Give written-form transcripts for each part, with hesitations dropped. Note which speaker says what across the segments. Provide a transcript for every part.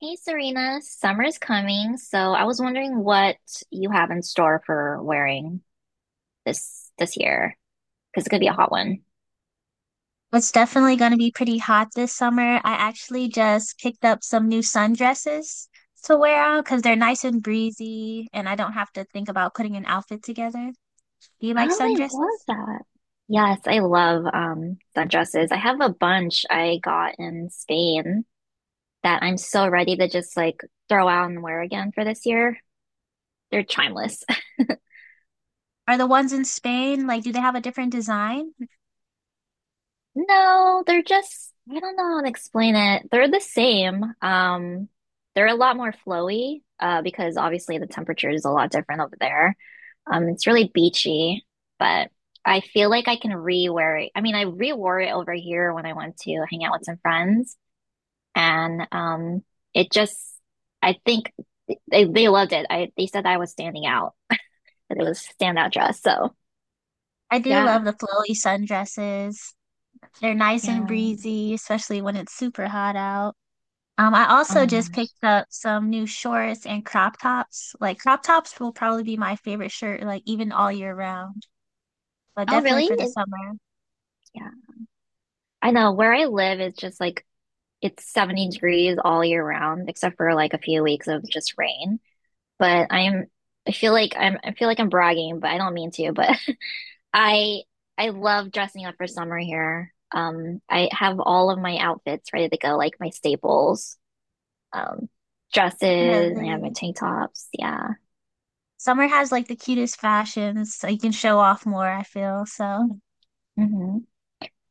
Speaker 1: Hey Serena, summer's coming, so I was wondering what you have in store for wearing this year because it's gonna be a hot one.
Speaker 2: It's definitely going to be pretty hot this summer. I actually just picked up some new sundresses to wear out because they're nice and breezy, and I don't have to think about putting an outfit together. Do you like
Speaker 1: Oh, I love
Speaker 2: sundresses?
Speaker 1: that. Yes, I love sundresses. I have a bunch I got in Spain that I'm so ready to just like throw out and wear again for this year. They're timeless.
Speaker 2: Are the ones in Spain, like, do they have a different design?
Speaker 1: No, they're just, I don't know how to explain it. They're the same. They're a lot more flowy, because obviously the temperature is a lot different over there. It's really beachy, but I feel like I can re-wear it. I mean, I re-wore it over here when I went to hang out with some friends, and it just, I think they loved it. I They said that I was standing out, that it was a standout dress. So
Speaker 2: I do
Speaker 1: yeah,
Speaker 2: love the flowy sundresses. They're nice and
Speaker 1: yeah.
Speaker 2: breezy, especially when it's super hot out. I
Speaker 1: Oh
Speaker 2: also
Speaker 1: my
Speaker 2: just
Speaker 1: gosh.
Speaker 2: picked up some new shorts and crop tops. Like, crop tops will probably be my favorite shirt, like, even all year round, but
Speaker 1: Oh,
Speaker 2: definitely
Speaker 1: really?
Speaker 2: for the
Speaker 1: It,
Speaker 2: summer.
Speaker 1: yeah. I know where I live is just like it's 70 degrees all year round, except for like a few weeks of just rain. But I feel like I feel like I'm bragging, but I don't mean to, but I I love dressing up for summer here. I have all of my outfits ready to go, like my staples, um, dresses,
Speaker 2: Uh,
Speaker 1: and I have my
Speaker 2: the
Speaker 1: tank tops. Yeah.
Speaker 2: summer has like the cutest fashions, so you can show off more, I feel. So
Speaker 1: Hmm.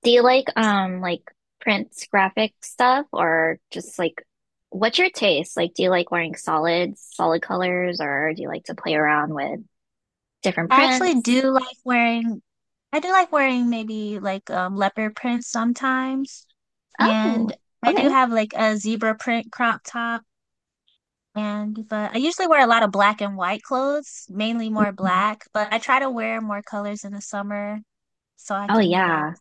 Speaker 1: Do you like prints, graphic stuff or just like what's your taste? Like do you like wearing solids, solid colors or do you like to play around with different
Speaker 2: I actually
Speaker 1: prints?
Speaker 2: do like I do like wearing maybe like leopard print sometimes. And
Speaker 1: Oh,
Speaker 2: I do
Speaker 1: okay.
Speaker 2: have like a zebra print crop top. And but I usually wear a lot of black and white clothes, mainly more
Speaker 1: Mhm.
Speaker 2: black, but I try to wear more colors in the summer so I
Speaker 1: Oh
Speaker 2: can, you know,
Speaker 1: yeah.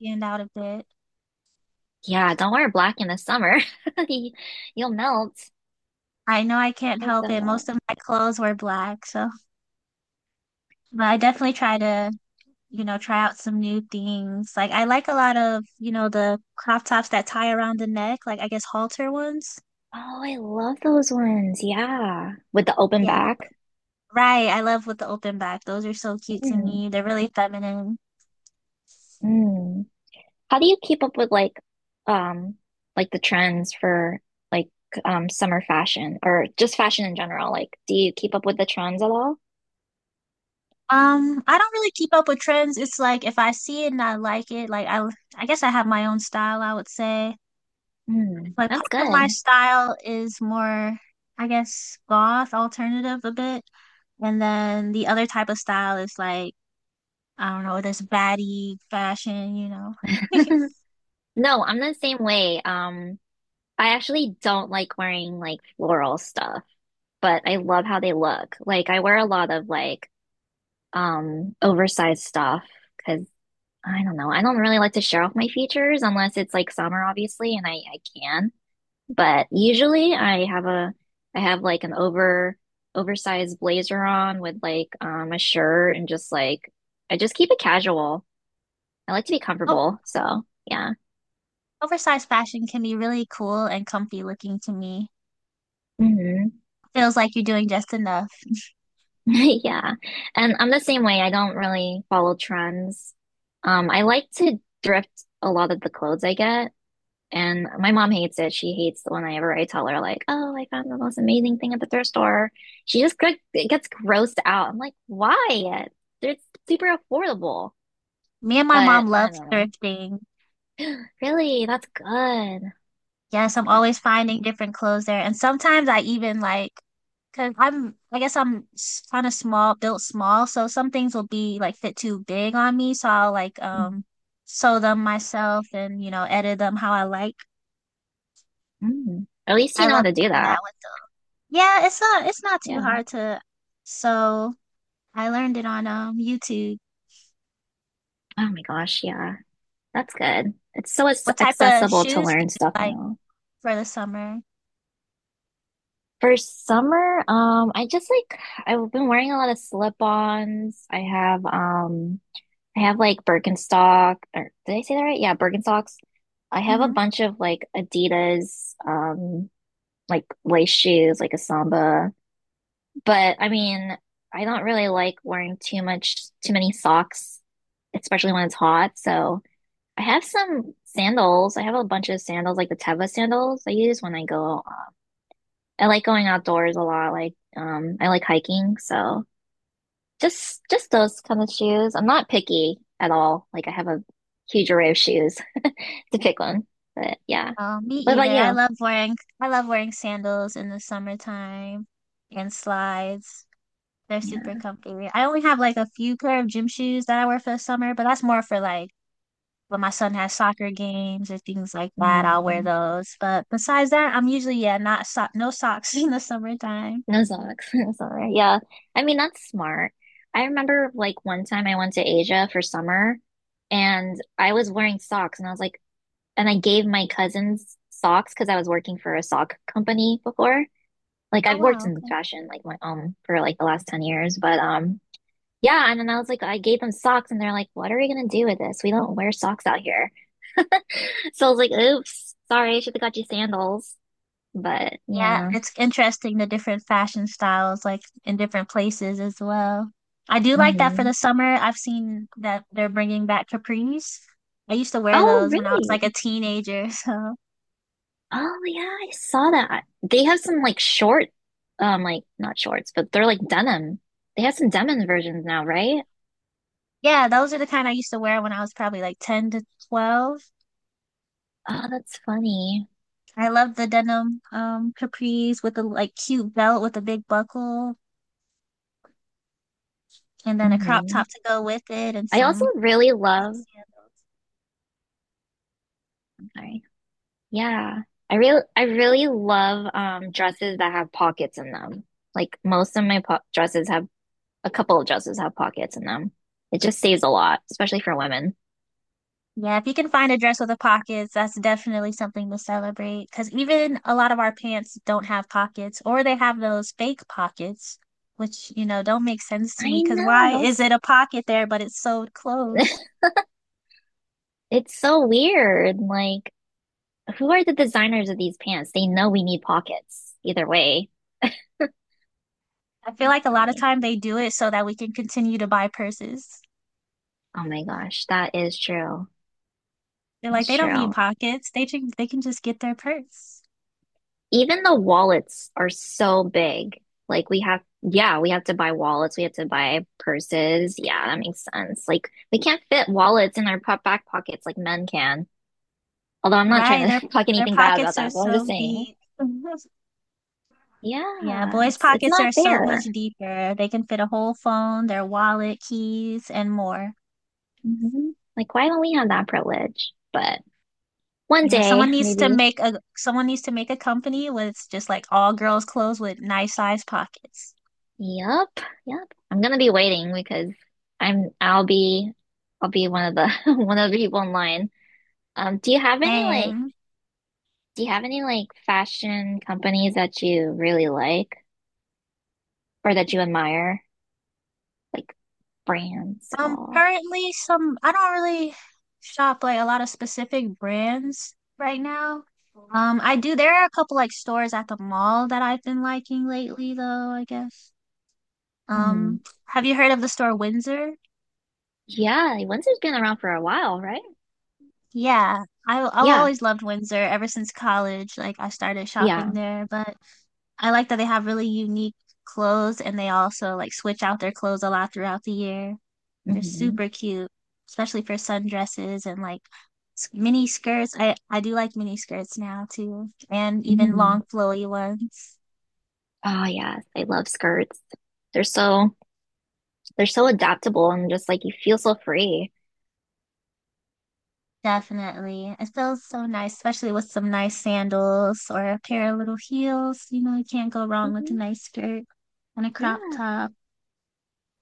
Speaker 2: stand out a bit.
Speaker 1: Yeah, don't wear black in the summer. You- You'll melt.
Speaker 2: I know I can't
Speaker 1: I've
Speaker 2: help
Speaker 1: done
Speaker 2: it.
Speaker 1: that.
Speaker 2: Most of my clothes were black, so but I definitely try to you know, try out some new things. Like I like a lot of, you know, the crop tops that tie around the neck, like I guess halter ones.
Speaker 1: Oh, I love those ones. Yeah. With the open
Speaker 2: Yeah, th-
Speaker 1: back.
Speaker 2: right. I love with the open back. Those are so cute to
Speaker 1: Mm,
Speaker 2: me. They're really feminine.
Speaker 1: mm. How do you keep up with um like the trends for like summer fashion or just fashion in general? Like, do you keep up with the trends at all?
Speaker 2: I don't really keep up with trends. It's like if I see it and I like it, like I guess I have my own style, I would say.
Speaker 1: Mm,
Speaker 2: Like part
Speaker 1: that's
Speaker 2: of my
Speaker 1: good.
Speaker 2: style is more, I guess, goth alternative a bit. And then the other type of style is like I don't know, this baddie fashion, you know.
Speaker 1: No, I'm the same way. I actually don't like wearing like floral stuff, but I love how they look. Like I wear a lot of like oversized stuff because I don't know. I don't really like to show off my features unless it's like summer, obviously, and I can. But usually I have like an over oversized blazer on with like a shirt and just like I just keep it casual. I like to be
Speaker 2: Oh,
Speaker 1: comfortable, so yeah.
Speaker 2: oversized fashion can be really cool and comfy looking to me.
Speaker 1: Hmm.
Speaker 2: Feels like you're doing just enough.
Speaker 1: Yeah. And I'm the same way. I don't really follow trends. I like to thrift a lot of the clothes I get. And my mom hates it. She hates the one. I tell her like, "Oh, I found the most amazing thing at the thrift store." She just get, gets grossed out. I'm like, "Why? They're super affordable."
Speaker 2: Me and my mom
Speaker 1: But
Speaker 2: love
Speaker 1: I don't know.
Speaker 2: thrifting.
Speaker 1: Really, that's good.
Speaker 2: Yes,
Speaker 1: That's
Speaker 2: I'm
Speaker 1: good.
Speaker 2: always finding different clothes there. And sometimes I even like, cause I'm, I guess I'm kind of small, built small. So some things will be like fit too big on me. So I'll like, sew them myself and, you know, edit them how I like.
Speaker 1: Mm. At least you
Speaker 2: I
Speaker 1: know how
Speaker 2: love
Speaker 1: to do
Speaker 2: doing that
Speaker 1: that.
Speaker 2: with the yeah, it's not too
Speaker 1: Yeah.
Speaker 2: hard to. So I learned it on YouTube.
Speaker 1: Oh my gosh, yeah. That's good. It's so
Speaker 2: What type of
Speaker 1: accessible to
Speaker 2: shoes do
Speaker 1: learn
Speaker 2: you
Speaker 1: stuff
Speaker 2: like
Speaker 1: now.
Speaker 2: for the summer?
Speaker 1: For summer, I just like I've been wearing a lot of slip-ons. I have like Birkenstock, or did I say that right? Yeah, Birkenstocks. I have a
Speaker 2: Hmm.
Speaker 1: bunch of like Adidas, like lace shoes, like a Samba. But I mean, I don't really like wearing too much, too many socks, especially when it's hot. So I have some sandals. I have a bunch of sandals, like the Teva sandals I use when I go. I like going outdoors a lot. Like, I like hiking, so just those kind of shoes. I'm not picky at all. Like I have a huge array of shoes to pick one. But yeah.
Speaker 2: Oh, me
Speaker 1: What
Speaker 2: either.
Speaker 1: about
Speaker 2: I
Speaker 1: you?
Speaker 2: love wearing I love wearing sandals in the summertime and slides. They're super
Speaker 1: Yeah.
Speaker 2: comfy. I only have like a few pair of gym shoes that I wear for the summer, but that's more for like when my son has soccer games or things like that. I'll wear
Speaker 1: Mm,
Speaker 2: those. But besides that, I'm usually yeah, not so no socks in the summertime.
Speaker 1: no socks. No summer. Yeah. I mean, that's smart. I remember like one time I went to Asia for summer and I was wearing socks and I was like, and I gave my cousins socks because I was working for a sock company before. Like
Speaker 2: Oh
Speaker 1: I've worked
Speaker 2: wow.
Speaker 1: in fashion like my for like the last 10 years, but um. Yeah, and then I was like, I gave them socks, and they're like, "What are we gonna do with this? We don't wear socks out here." So I was like, "Oops, sorry, I should have got you sandals." But
Speaker 2: Yeah,
Speaker 1: yeah.
Speaker 2: it's interesting the different fashion styles like in different places as well. I do like that for
Speaker 1: Hmm.
Speaker 2: the summer. I've seen that they're bringing back capris. I used to wear
Speaker 1: Oh,
Speaker 2: those when I was like a
Speaker 1: really?
Speaker 2: teenager. So,
Speaker 1: Oh, yeah, I saw that. They have some like short, like not shorts, but they're like denim. They have some denim versions now, right?
Speaker 2: yeah, those are the kind I used to wear when I was probably like 10 to 12.
Speaker 1: Oh, that's funny.
Speaker 2: I love the denim capris with a like cute belt with a big buckle and then a crop
Speaker 1: Hmm.
Speaker 2: top to go with it and
Speaker 1: I also
Speaker 2: some
Speaker 1: really love.
Speaker 2: heels.
Speaker 1: Sorry. Yeah. I really love dresses that have pockets in them. Like most of my po dresses have a couple of dresses have pockets in them. It just saves a lot, especially for women.
Speaker 2: Yeah, if you can find a dress with a pockets, that's definitely something to celebrate. Because even a lot of our pants don't have pockets, or they have those fake pockets, which, you know, don't make sense to me.
Speaker 1: I
Speaker 2: Because
Speaker 1: know
Speaker 2: why is
Speaker 1: those.
Speaker 2: it a pocket there, but it's sewed closed?
Speaker 1: It's so weird. Like who are the designers of these pants? They know we need pockets either way.
Speaker 2: I feel like a lot of
Speaker 1: Funny.
Speaker 2: time they do it so that we can continue to buy purses.
Speaker 1: Oh my gosh, that is true.
Speaker 2: They're like,
Speaker 1: That's
Speaker 2: they don't need
Speaker 1: true.
Speaker 2: pockets. They can just get their purse.
Speaker 1: Even the wallets are so big. Like we have, yeah, we have to buy wallets. We have to buy purses. Yeah, that makes sense. Like we can't fit wallets in our back pockets like men can. Although I'm not
Speaker 2: Right.
Speaker 1: trying
Speaker 2: Their
Speaker 1: to talk
Speaker 2: their
Speaker 1: anything bad about
Speaker 2: pockets are
Speaker 1: that, but I'm
Speaker 2: so
Speaker 1: just saying,
Speaker 2: deep. Yeah,
Speaker 1: yeah,
Speaker 2: boys'
Speaker 1: it's
Speaker 2: pockets
Speaker 1: not
Speaker 2: are so much
Speaker 1: fair.
Speaker 2: deeper. They can fit a whole phone, their wallet, keys, and more.
Speaker 1: Hmm. Like why don't we have that privilege? But one
Speaker 2: You know,
Speaker 1: day,
Speaker 2: someone needs to
Speaker 1: maybe.
Speaker 2: make a someone needs to make a company with just like all girls' clothes with nice size pockets.
Speaker 1: Yep, yep. I'm gonna be waiting because I'm I'll be I'll be one of the one of the people in line. Um, do you have any like
Speaker 2: Same.
Speaker 1: Do you have any like fashion companies that you really like or that you admire? Like brands at all?
Speaker 2: Currently some I don't really shop like a lot of specific brands right now. I do there are a couple like stores at the mall that I've been liking lately though, I guess.
Speaker 1: Mm.
Speaker 2: Have you heard of the store Windsor?
Speaker 1: Yeah, Windsor's been around for a while, right?
Speaker 2: Yeah, I've
Speaker 1: Yeah,
Speaker 2: always loved Windsor ever since college. Like I started shopping
Speaker 1: yeah.
Speaker 2: there, but I like that they have really unique clothes and they also like switch out their clothes a lot throughout the year. They're
Speaker 1: Hmm.
Speaker 2: super cute, especially for sundresses and like mini skirts. I do like mini skirts now too, and even
Speaker 1: Mm.
Speaker 2: long flowy ones.
Speaker 1: Oh yes, I love skirts. They're so they're so adaptable and just like you feel so free.
Speaker 2: Definitely. It feels so nice, especially with some nice sandals or a pair of little heels. You know, you can't go wrong with a
Speaker 1: Hmm.
Speaker 2: nice skirt and a crop
Speaker 1: Yeah.
Speaker 2: top.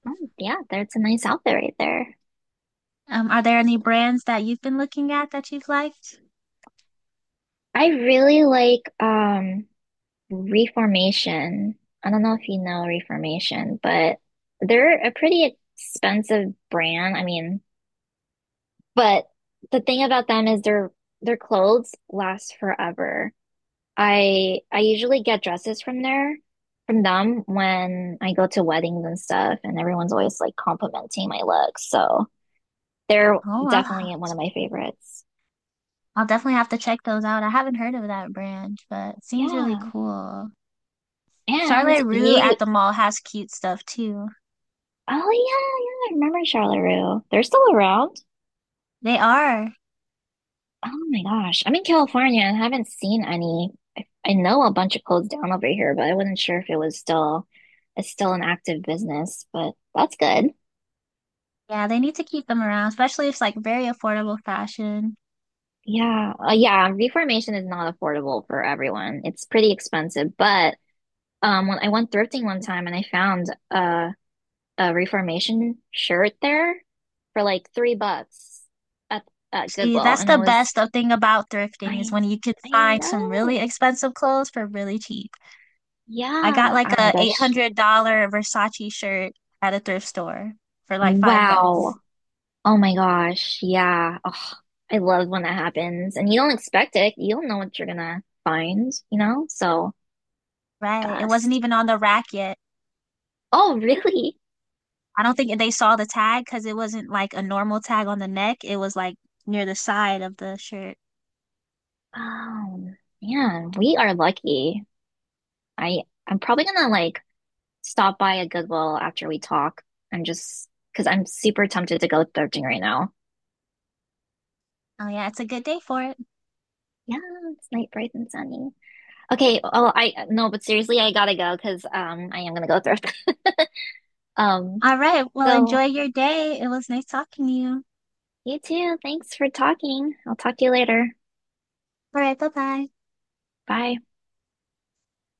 Speaker 1: Oh, yeah, that's a nice outfit right there.
Speaker 2: Are there any brands that you've been looking at that you've liked?
Speaker 1: I really like Reformation. I don't know if you know Reformation, but they're a pretty expensive brand. I mean, but the thing about them is their clothes last forever. I usually get dresses from there from them when I go to weddings and stuff, and everyone's always like complimenting my looks. So they're
Speaker 2: Oh, I'll ha-
Speaker 1: definitely one of my favorites.
Speaker 2: I'll definitely have to check those out. I haven't heard of that brand, but it seems really
Speaker 1: Yeah.
Speaker 2: cool.
Speaker 1: And
Speaker 2: Charlotte Rue
Speaker 1: you,
Speaker 2: at the mall has cute stuff too.
Speaker 1: oh yeah, yeah, I remember Charleroi. They're still around.
Speaker 2: They are.
Speaker 1: Oh my gosh. I'm in California and haven't seen any. I know a bunch of closed down over here, but I wasn't sure if it was still it's still an active business, but that's good.
Speaker 2: Yeah, they need to keep them around, especially if it's like very affordable fashion.
Speaker 1: Yeah. Yeah, reformation is not affordable for everyone. It's pretty expensive, but when I went thrifting one time and I found a a reformation shirt there for like $3 at at
Speaker 2: See,
Speaker 1: Goodwill
Speaker 2: that's
Speaker 1: and it
Speaker 2: the
Speaker 1: was
Speaker 2: best of thing about thrifting is
Speaker 1: I
Speaker 2: when you can
Speaker 1: I
Speaker 2: find some really
Speaker 1: know.
Speaker 2: expensive clothes for really cheap. I got
Speaker 1: Yeah.
Speaker 2: like
Speaker 1: Oh my
Speaker 2: a
Speaker 1: gosh.
Speaker 2: $800 Versace shirt at a thrift store for like $5.
Speaker 1: Wow. Oh my gosh, yeah. Oh, I love when that happens. And you don't expect it. You don't know what you're gonna find, you know? So
Speaker 2: Right. It wasn't
Speaker 1: best.
Speaker 2: even on the rack yet.
Speaker 1: Oh, really?
Speaker 2: I don't think they saw the tag because it wasn't like a normal tag on the neck. It was like near the side of the shirt.
Speaker 1: Oh man, we are lucky. I I'm probably gonna like stop by a Goodwill after we talk. I'm just because I'm super tempted to go thrifting right now.
Speaker 2: Oh, yeah. It's a good day for it.
Speaker 1: Yeah, it's night bright and sunny. Okay, oh I no, but seriously, I gotta go because I am gonna go thrift. Um,
Speaker 2: All right. Well,
Speaker 1: so
Speaker 2: enjoy your day. It was nice talking to you.
Speaker 1: You too. Thanks for talking. I'll talk to you later.
Speaker 2: All right. Bye bye.
Speaker 1: Bye.